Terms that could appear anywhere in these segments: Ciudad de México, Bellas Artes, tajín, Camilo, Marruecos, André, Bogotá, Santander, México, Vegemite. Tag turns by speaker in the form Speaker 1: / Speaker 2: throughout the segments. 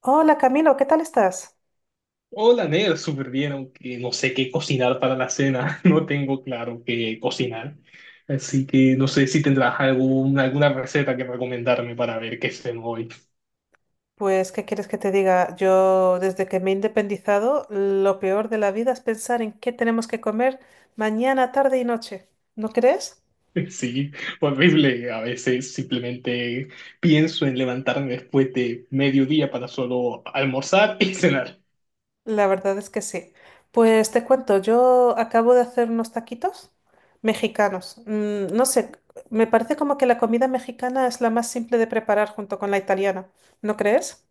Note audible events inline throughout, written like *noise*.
Speaker 1: Hola Camilo, ¿qué tal estás?
Speaker 2: Hola, Nel, súper bien, aunque no sé qué cocinar para la cena, *laughs* no tengo claro qué cocinar. Así que no sé si tendrás alguna receta que recomendarme para ver qué ceno hoy. *laughs*
Speaker 1: Pues, ¿qué quieres que te diga? Yo, desde que me he independizado, lo peor de la vida es pensar en qué tenemos que comer mañana, tarde y noche. ¿No crees?
Speaker 2: Sí, horrible. A veces simplemente pienso en levantarme después de mediodía para solo almorzar y *laughs* cenar.
Speaker 1: La verdad es que sí. Pues te cuento, yo acabo de hacer unos taquitos mexicanos. No sé, me parece como que la comida mexicana es la más simple de preparar junto con la italiana. ¿No crees?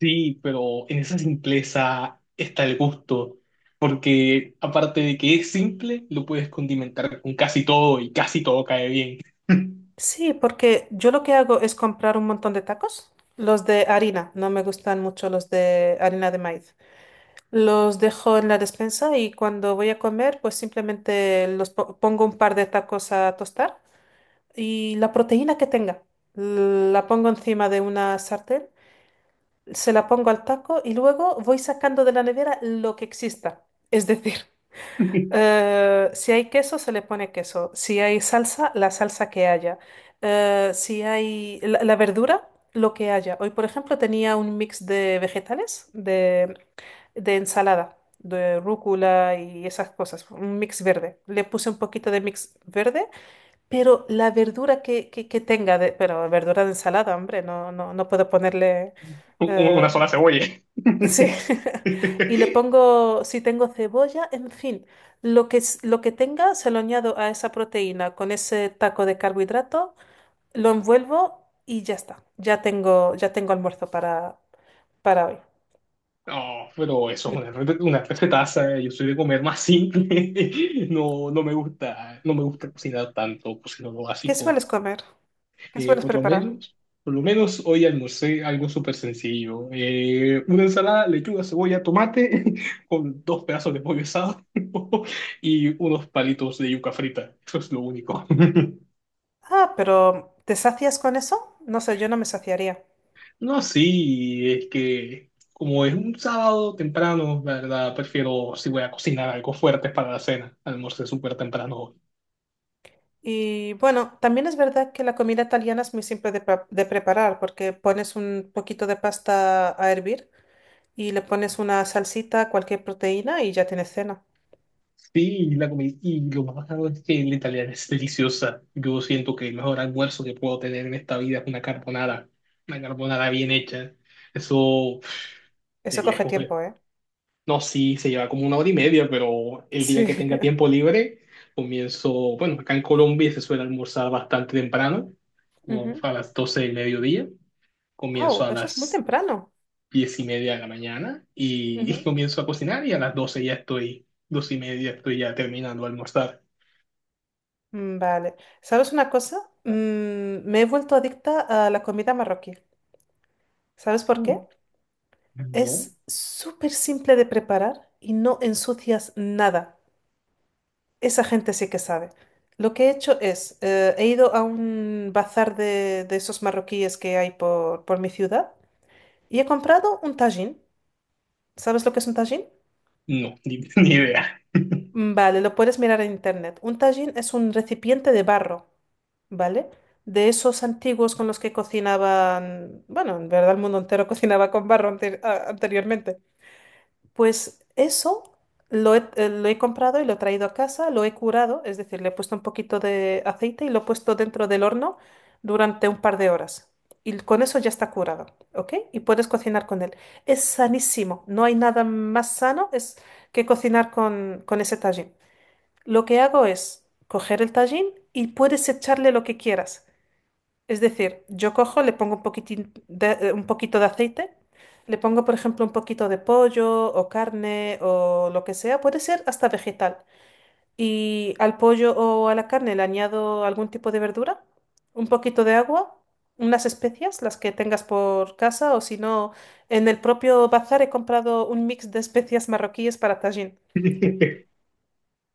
Speaker 2: Sí, pero en esa simpleza está el gusto, porque aparte de que es simple, lo puedes condimentar con casi todo y casi todo cae bien.
Speaker 1: Sí, porque yo lo que hago es comprar un montón de tacos. Los de harina, no me gustan mucho los de harina de maíz. Los dejo en la despensa y cuando voy a comer, pues simplemente pongo un par de tacos a tostar y la proteína que tenga, la pongo encima de una sartén, se la pongo al taco y luego voy sacando de la nevera lo que exista. Es decir,
Speaker 2: *laughs*
Speaker 1: si hay queso, se le pone queso. Si hay salsa, la salsa que haya. Si hay la verdura, lo que haya. Hoy, por ejemplo, tenía un mix de vegetales, de ensalada, de rúcula y esas cosas, un mix verde. Le puse un poquito de mix verde, pero la verdura que tenga, pero verdura de ensalada, hombre, no, no, no puedo ponerle...
Speaker 2: Una
Speaker 1: eh,
Speaker 2: sola cebolla.
Speaker 1: Sí,
Speaker 2: *laughs*
Speaker 1: *laughs* y le pongo, si tengo cebolla, en fin, lo que, lo que tenga se lo añado a esa proteína con ese taco de carbohidrato, lo envuelvo y ya está. Ya tengo almuerzo para hoy.
Speaker 2: No, pero eso es
Speaker 1: Mm.
Speaker 2: una recetaza. Yo soy de comer más simple. *laughs* No, no me gusta cocinar tanto, cocino lo
Speaker 1: ¿Qué
Speaker 2: básico.
Speaker 1: sueles comer? ¿Qué
Speaker 2: Eh,
Speaker 1: sueles
Speaker 2: por lo
Speaker 1: preparar?
Speaker 2: menos, por lo menos hoy almorcé algo súper sencillo. Una ensalada, lechuga, cebolla, tomate, *laughs* con dos pedazos de pollo asado *laughs* y unos palitos de yuca frita. Eso es lo único. *laughs*
Speaker 1: Ah, pero ¿te sacias con eso? No sé, yo no me saciaría.
Speaker 2: No, sí, es que como es un sábado temprano, la verdad, prefiero si voy a cocinar algo fuerte para la cena. Almorcé súper temprano hoy.
Speaker 1: Y bueno, también es verdad que la comida italiana es muy simple de preparar porque pones un poquito de pasta a hervir, y le pones una salsita, cualquier proteína y ya tienes cena.
Speaker 2: Sí, y lo más bacano es que la italiana es deliciosa. Yo siento que el mejor almuerzo que puedo tener en esta vida es una carbonara. Una carbonara bien hecha. Eso,
Speaker 1: Eso
Speaker 2: de
Speaker 1: coge
Speaker 2: lejos.
Speaker 1: tiempo, ¿eh?
Speaker 2: No, sí, se lleva como una hora y media, pero el día
Speaker 1: Sí.
Speaker 2: que tenga tiempo libre, bueno, acá en Colombia se suele almorzar bastante temprano,
Speaker 1: *laughs*
Speaker 2: como
Speaker 1: Ujú.
Speaker 2: a las 12 del mediodía. Comienzo
Speaker 1: Oh,
Speaker 2: a
Speaker 1: eso es muy
Speaker 2: las
Speaker 1: temprano.
Speaker 2: 10:30 de la mañana y
Speaker 1: Ujú.
Speaker 2: comienzo a cocinar y a las 12 12:30 estoy ya terminando de almorzar.
Speaker 1: Vale. ¿Sabes una cosa? Me he vuelto adicta a la comida marroquí. ¿Sabes por
Speaker 2: Mm.
Speaker 1: qué?
Speaker 2: No,
Speaker 1: Es súper simple de preparar y no ensucias nada. Esa gente sí que sabe. Lo que he hecho es, he ido a un bazar de esos marroquíes que hay por mi ciudad y he comprado un tajín. ¿Sabes lo que es un tajín?
Speaker 2: no, ni idea.
Speaker 1: Vale, lo puedes mirar en internet. Un tajín es un recipiente de barro, ¿vale? De esos antiguos con los que cocinaban, bueno, en verdad el mundo entero *laughs* cocinaba con barro anteriormente. Pues eso lo he comprado y lo he traído a casa, lo he curado, es decir, le he puesto un poquito de aceite y lo he puesto dentro del horno durante un par de horas. Y con eso ya está curado, ¿ok? Y puedes cocinar con él. Es sanísimo, no hay nada más sano es que cocinar con ese tajín. Lo que hago es coger el tajín y puedes echarle lo que quieras. Es decir, yo cojo, le pongo un poquito de aceite, le pongo, por ejemplo, un poquito de pollo o carne o lo que sea, puede ser hasta vegetal. Y al pollo o a la carne le añado algún tipo de verdura, un poquito de agua, unas especias, las que tengas por casa, o si no, en el propio bazar he comprado un mix de especias marroquíes para tajín.
Speaker 2: *laughs*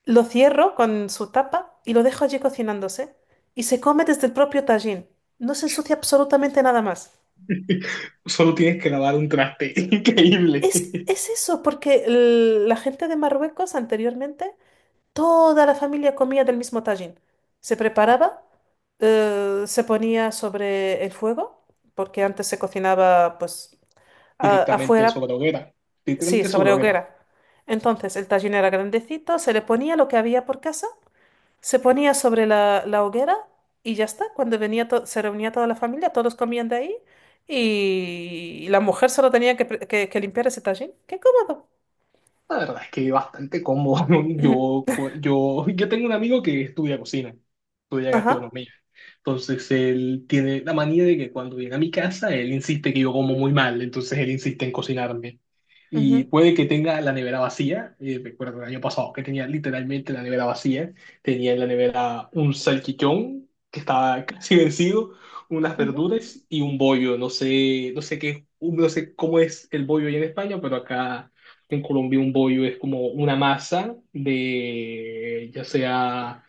Speaker 1: Lo cierro con su tapa y lo dejo allí cocinándose. Y se come desde el propio tajín. No se ensucia absolutamente nada más.
Speaker 2: Solo tienes que lavar un traste *laughs* increíble.
Speaker 1: Es eso, porque la gente de Marruecos anteriormente, toda la familia comía del mismo tajín. Se preparaba, se ponía sobre el fuego, porque antes se cocinaba pues
Speaker 2: Directamente
Speaker 1: afuera,
Speaker 2: sobre hoguera,
Speaker 1: sí,
Speaker 2: directamente sobre
Speaker 1: sobre
Speaker 2: hoguera.
Speaker 1: hoguera. Entonces el tajín era grandecito, se le ponía lo que había por casa. Se ponía sobre la hoguera y ya está. Cuando venía se reunía toda la familia, todos comían de ahí y la mujer solo tenía que limpiar ese tajín. ¡Qué cómodo!
Speaker 2: La verdad es que bastante cómodo, ¿no?
Speaker 1: *clears throat* Ujú.
Speaker 2: Yo tengo un amigo que estudia cocina, estudia
Speaker 1: Ajá,
Speaker 2: gastronomía. Entonces él tiene la manía de que cuando viene a mi casa, él insiste que yo como muy mal, entonces él insiste en cocinarme y
Speaker 1: ujú,
Speaker 2: puede que tenga la nevera vacía. Recuerdo el año pasado que tenía literalmente la nevera vacía. Tenía en la nevera un salchichón que estaba *laughs* casi vencido, unas
Speaker 1: ujú,
Speaker 2: verduras y un bollo. No sé cómo es el bollo allá en España, pero acá en Colombia un bollo es como una masa de, ya sea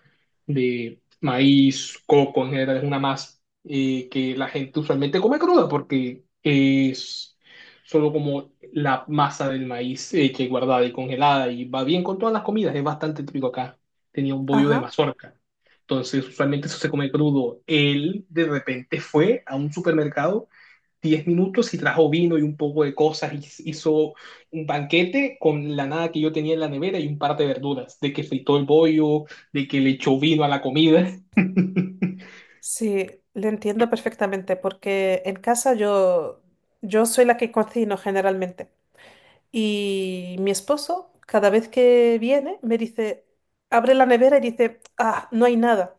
Speaker 2: de maíz, coco en general, es una masa que la gente usualmente come cruda porque es solo como la masa del maíz hecha que guardada y congelada y va bien con todas las comidas, es bastante típico acá. Tenía un bollo de
Speaker 1: ajá.
Speaker 2: mazorca. Entonces, usualmente eso se come crudo. Él de repente fue a un supermercado 10 minutos y trajo vino y un poco de cosas y hizo un banquete con la nada que yo tenía en la nevera y un par de verduras, de que fritó el bollo, de que le echó vino a la comida. *laughs*
Speaker 1: Sí, le entiendo perfectamente porque en casa yo soy la que cocino generalmente y mi esposo cada vez que viene me dice, abre la nevera y dice, ah, no hay nada.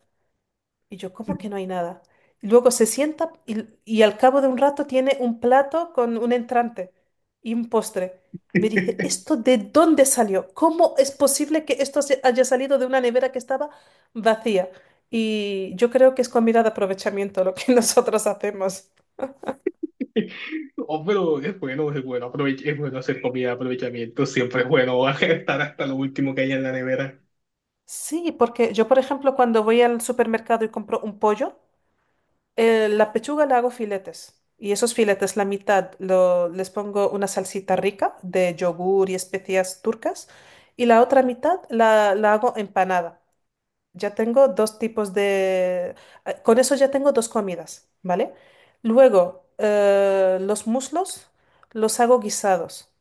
Speaker 1: Y yo, ¿cómo que no hay nada? Y luego se sienta y al cabo de un rato tiene un plato con un entrante y un postre. Me dice, ¿esto de dónde salió? ¿Cómo es posible que esto se haya salido de una nevera que estaba vacía? Y yo creo que es comida de aprovechamiento lo que *laughs* nosotros hacemos.
Speaker 2: Oh, pero es bueno, es bueno, es bueno hacer comida, aprovechamiento, siempre es bueno *laughs* estar hasta lo último que hay en la nevera.
Speaker 1: Sí, porque yo, por ejemplo, cuando voy al supermercado y compro un pollo, la pechuga la hago filetes y esos filetes, la mitad, les pongo una salsita rica de yogur y especias turcas y la otra mitad la hago empanada. Ya tengo dos tipos de... con eso ya tengo dos comidas, ¿vale? Luego, los muslos los hago guisados.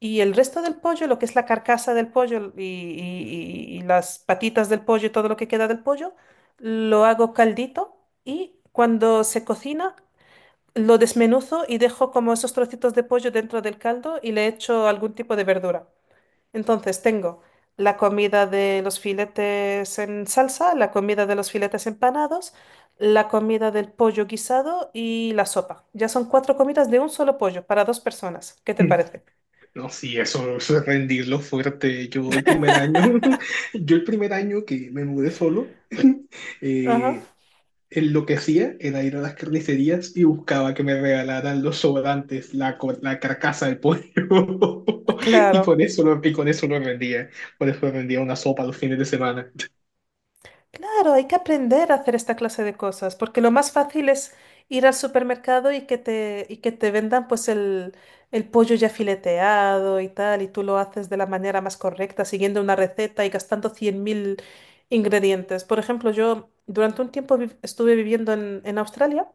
Speaker 1: Y el resto del pollo, lo que es la carcasa del pollo y las patitas del pollo y todo lo que queda del pollo, lo hago caldito y cuando se cocina lo desmenuzo y dejo como esos trocitos de pollo dentro del caldo y le echo algún tipo de verdura. Entonces tengo la comida de los filetes en salsa, la comida de los filetes empanados, la comida del pollo guisado y la sopa. Ya son cuatro comidas de un solo pollo para dos personas. ¿Qué te
Speaker 2: *laughs*
Speaker 1: parece?
Speaker 2: No, sí, eso es rendirlo fuerte. Yo el primer año, *laughs* yo el primer año que me mudé solo, *laughs* eh,
Speaker 1: Ajá.
Speaker 2: en lo que hacía era ir a las carnicerías y buscaba que me regalaran los sobrantes, la carcasa del pollo. *laughs* Y
Speaker 1: Claro,
Speaker 2: con eso lo, y con eso lo rendía. Con eso rendía una sopa los fines de semana.
Speaker 1: claro, hay que aprender a hacer esta clase de cosas, porque lo más fácil es ir al supermercado y que te vendan pues el pollo ya fileteado y tal, y tú lo haces de la manera más correcta, siguiendo una receta y gastando 100.000 ingredientes. Por ejemplo, yo durante un tiempo estuve viviendo en Australia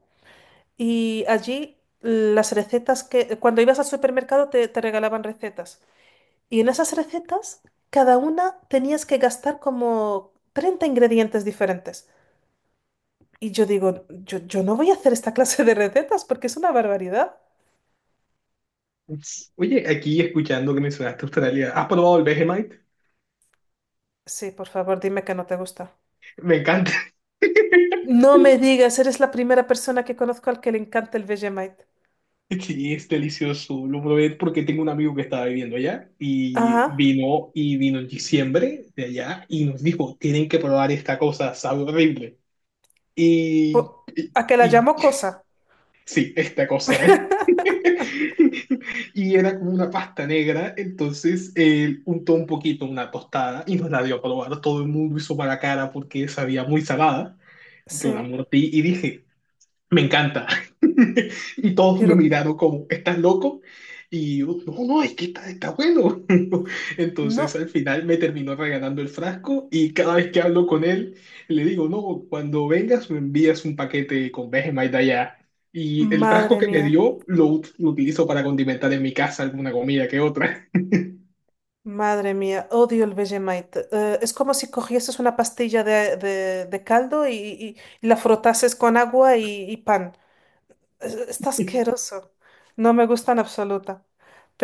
Speaker 1: y allí las recetas que, cuando ibas al supermercado te regalaban recetas. Y en esas recetas, cada una tenías que gastar como 30 ingredientes diferentes. Y yo digo, yo no voy a hacer esta *laughs* clase de recetas porque es una barbaridad.
Speaker 2: Ups. Oye, aquí escuchando que mencionaste Australia, ¿has probado el Vegemite?
Speaker 1: Sí, por favor, dime que no te gusta.
Speaker 2: Me encanta. *laughs*
Speaker 1: No me digas, eres la primera persona que conozco al que le encanta el Vegemite.
Speaker 2: Sí, es delicioso. Lo probé porque tengo un amigo que estaba viviendo allá y
Speaker 1: Ajá.
Speaker 2: vino en diciembre de allá y nos dijo, tienen que probar esta cosa, sabe horrible. Y,
Speaker 1: po-
Speaker 2: y,
Speaker 1: a que la
Speaker 2: y-
Speaker 1: llamo cosa.
Speaker 2: sí, esta cosa. *laughs*
Speaker 1: *laughs*
Speaker 2: Y era como una pasta negra, entonces él untó un poquito una tostada y nos la dio a probar. Todo el mundo hizo mala cara porque sabía muy salada. Yo la
Speaker 1: Sí,
Speaker 2: mordí y dije, me encanta. *laughs* Y todos me
Speaker 1: pero
Speaker 2: miraron como, ¿estás loco? Y yo, no, no, es que está bueno. *laughs* Entonces
Speaker 1: no,
Speaker 2: al final me terminó regalando el frasco y cada vez que hablo con él, le digo, no, cuando vengas me envías un paquete con Vegemite de allá. Y el frasco
Speaker 1: madre
Speaker 2: que me
Speaker 1: mía.
Speaker 2: dio lo utilizo para condimentar en mi casa alguna comida que otra.
Speaker 1: Madre mía, odio el Vegemite. Es como si cogieses una pastilla de caldo y la frotases con agua y pan. Está
Speaker 2: *laughs*
Speaker 1: asqueroso. No me gusta en absoluta.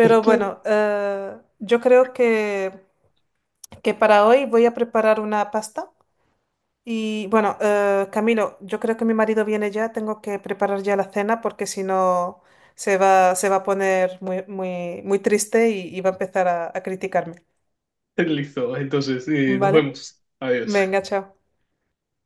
Speaker 2: Es que,
Speaker 1: bueno, yo creo que para hoy voy a preparar una pasta. Y bueno, Camilo, yo creo que mi marido viene ya. Tengo que preparar ya la cena porque si no se va, se va a poner muy, muy, muy triste y va a empezar a criticarme.
Speaker 2: Listo, entonces nos
Speaker 1: ¿Vale?
Speaker 2: vemos. Adiós.
Speaker 1: Venga, chao.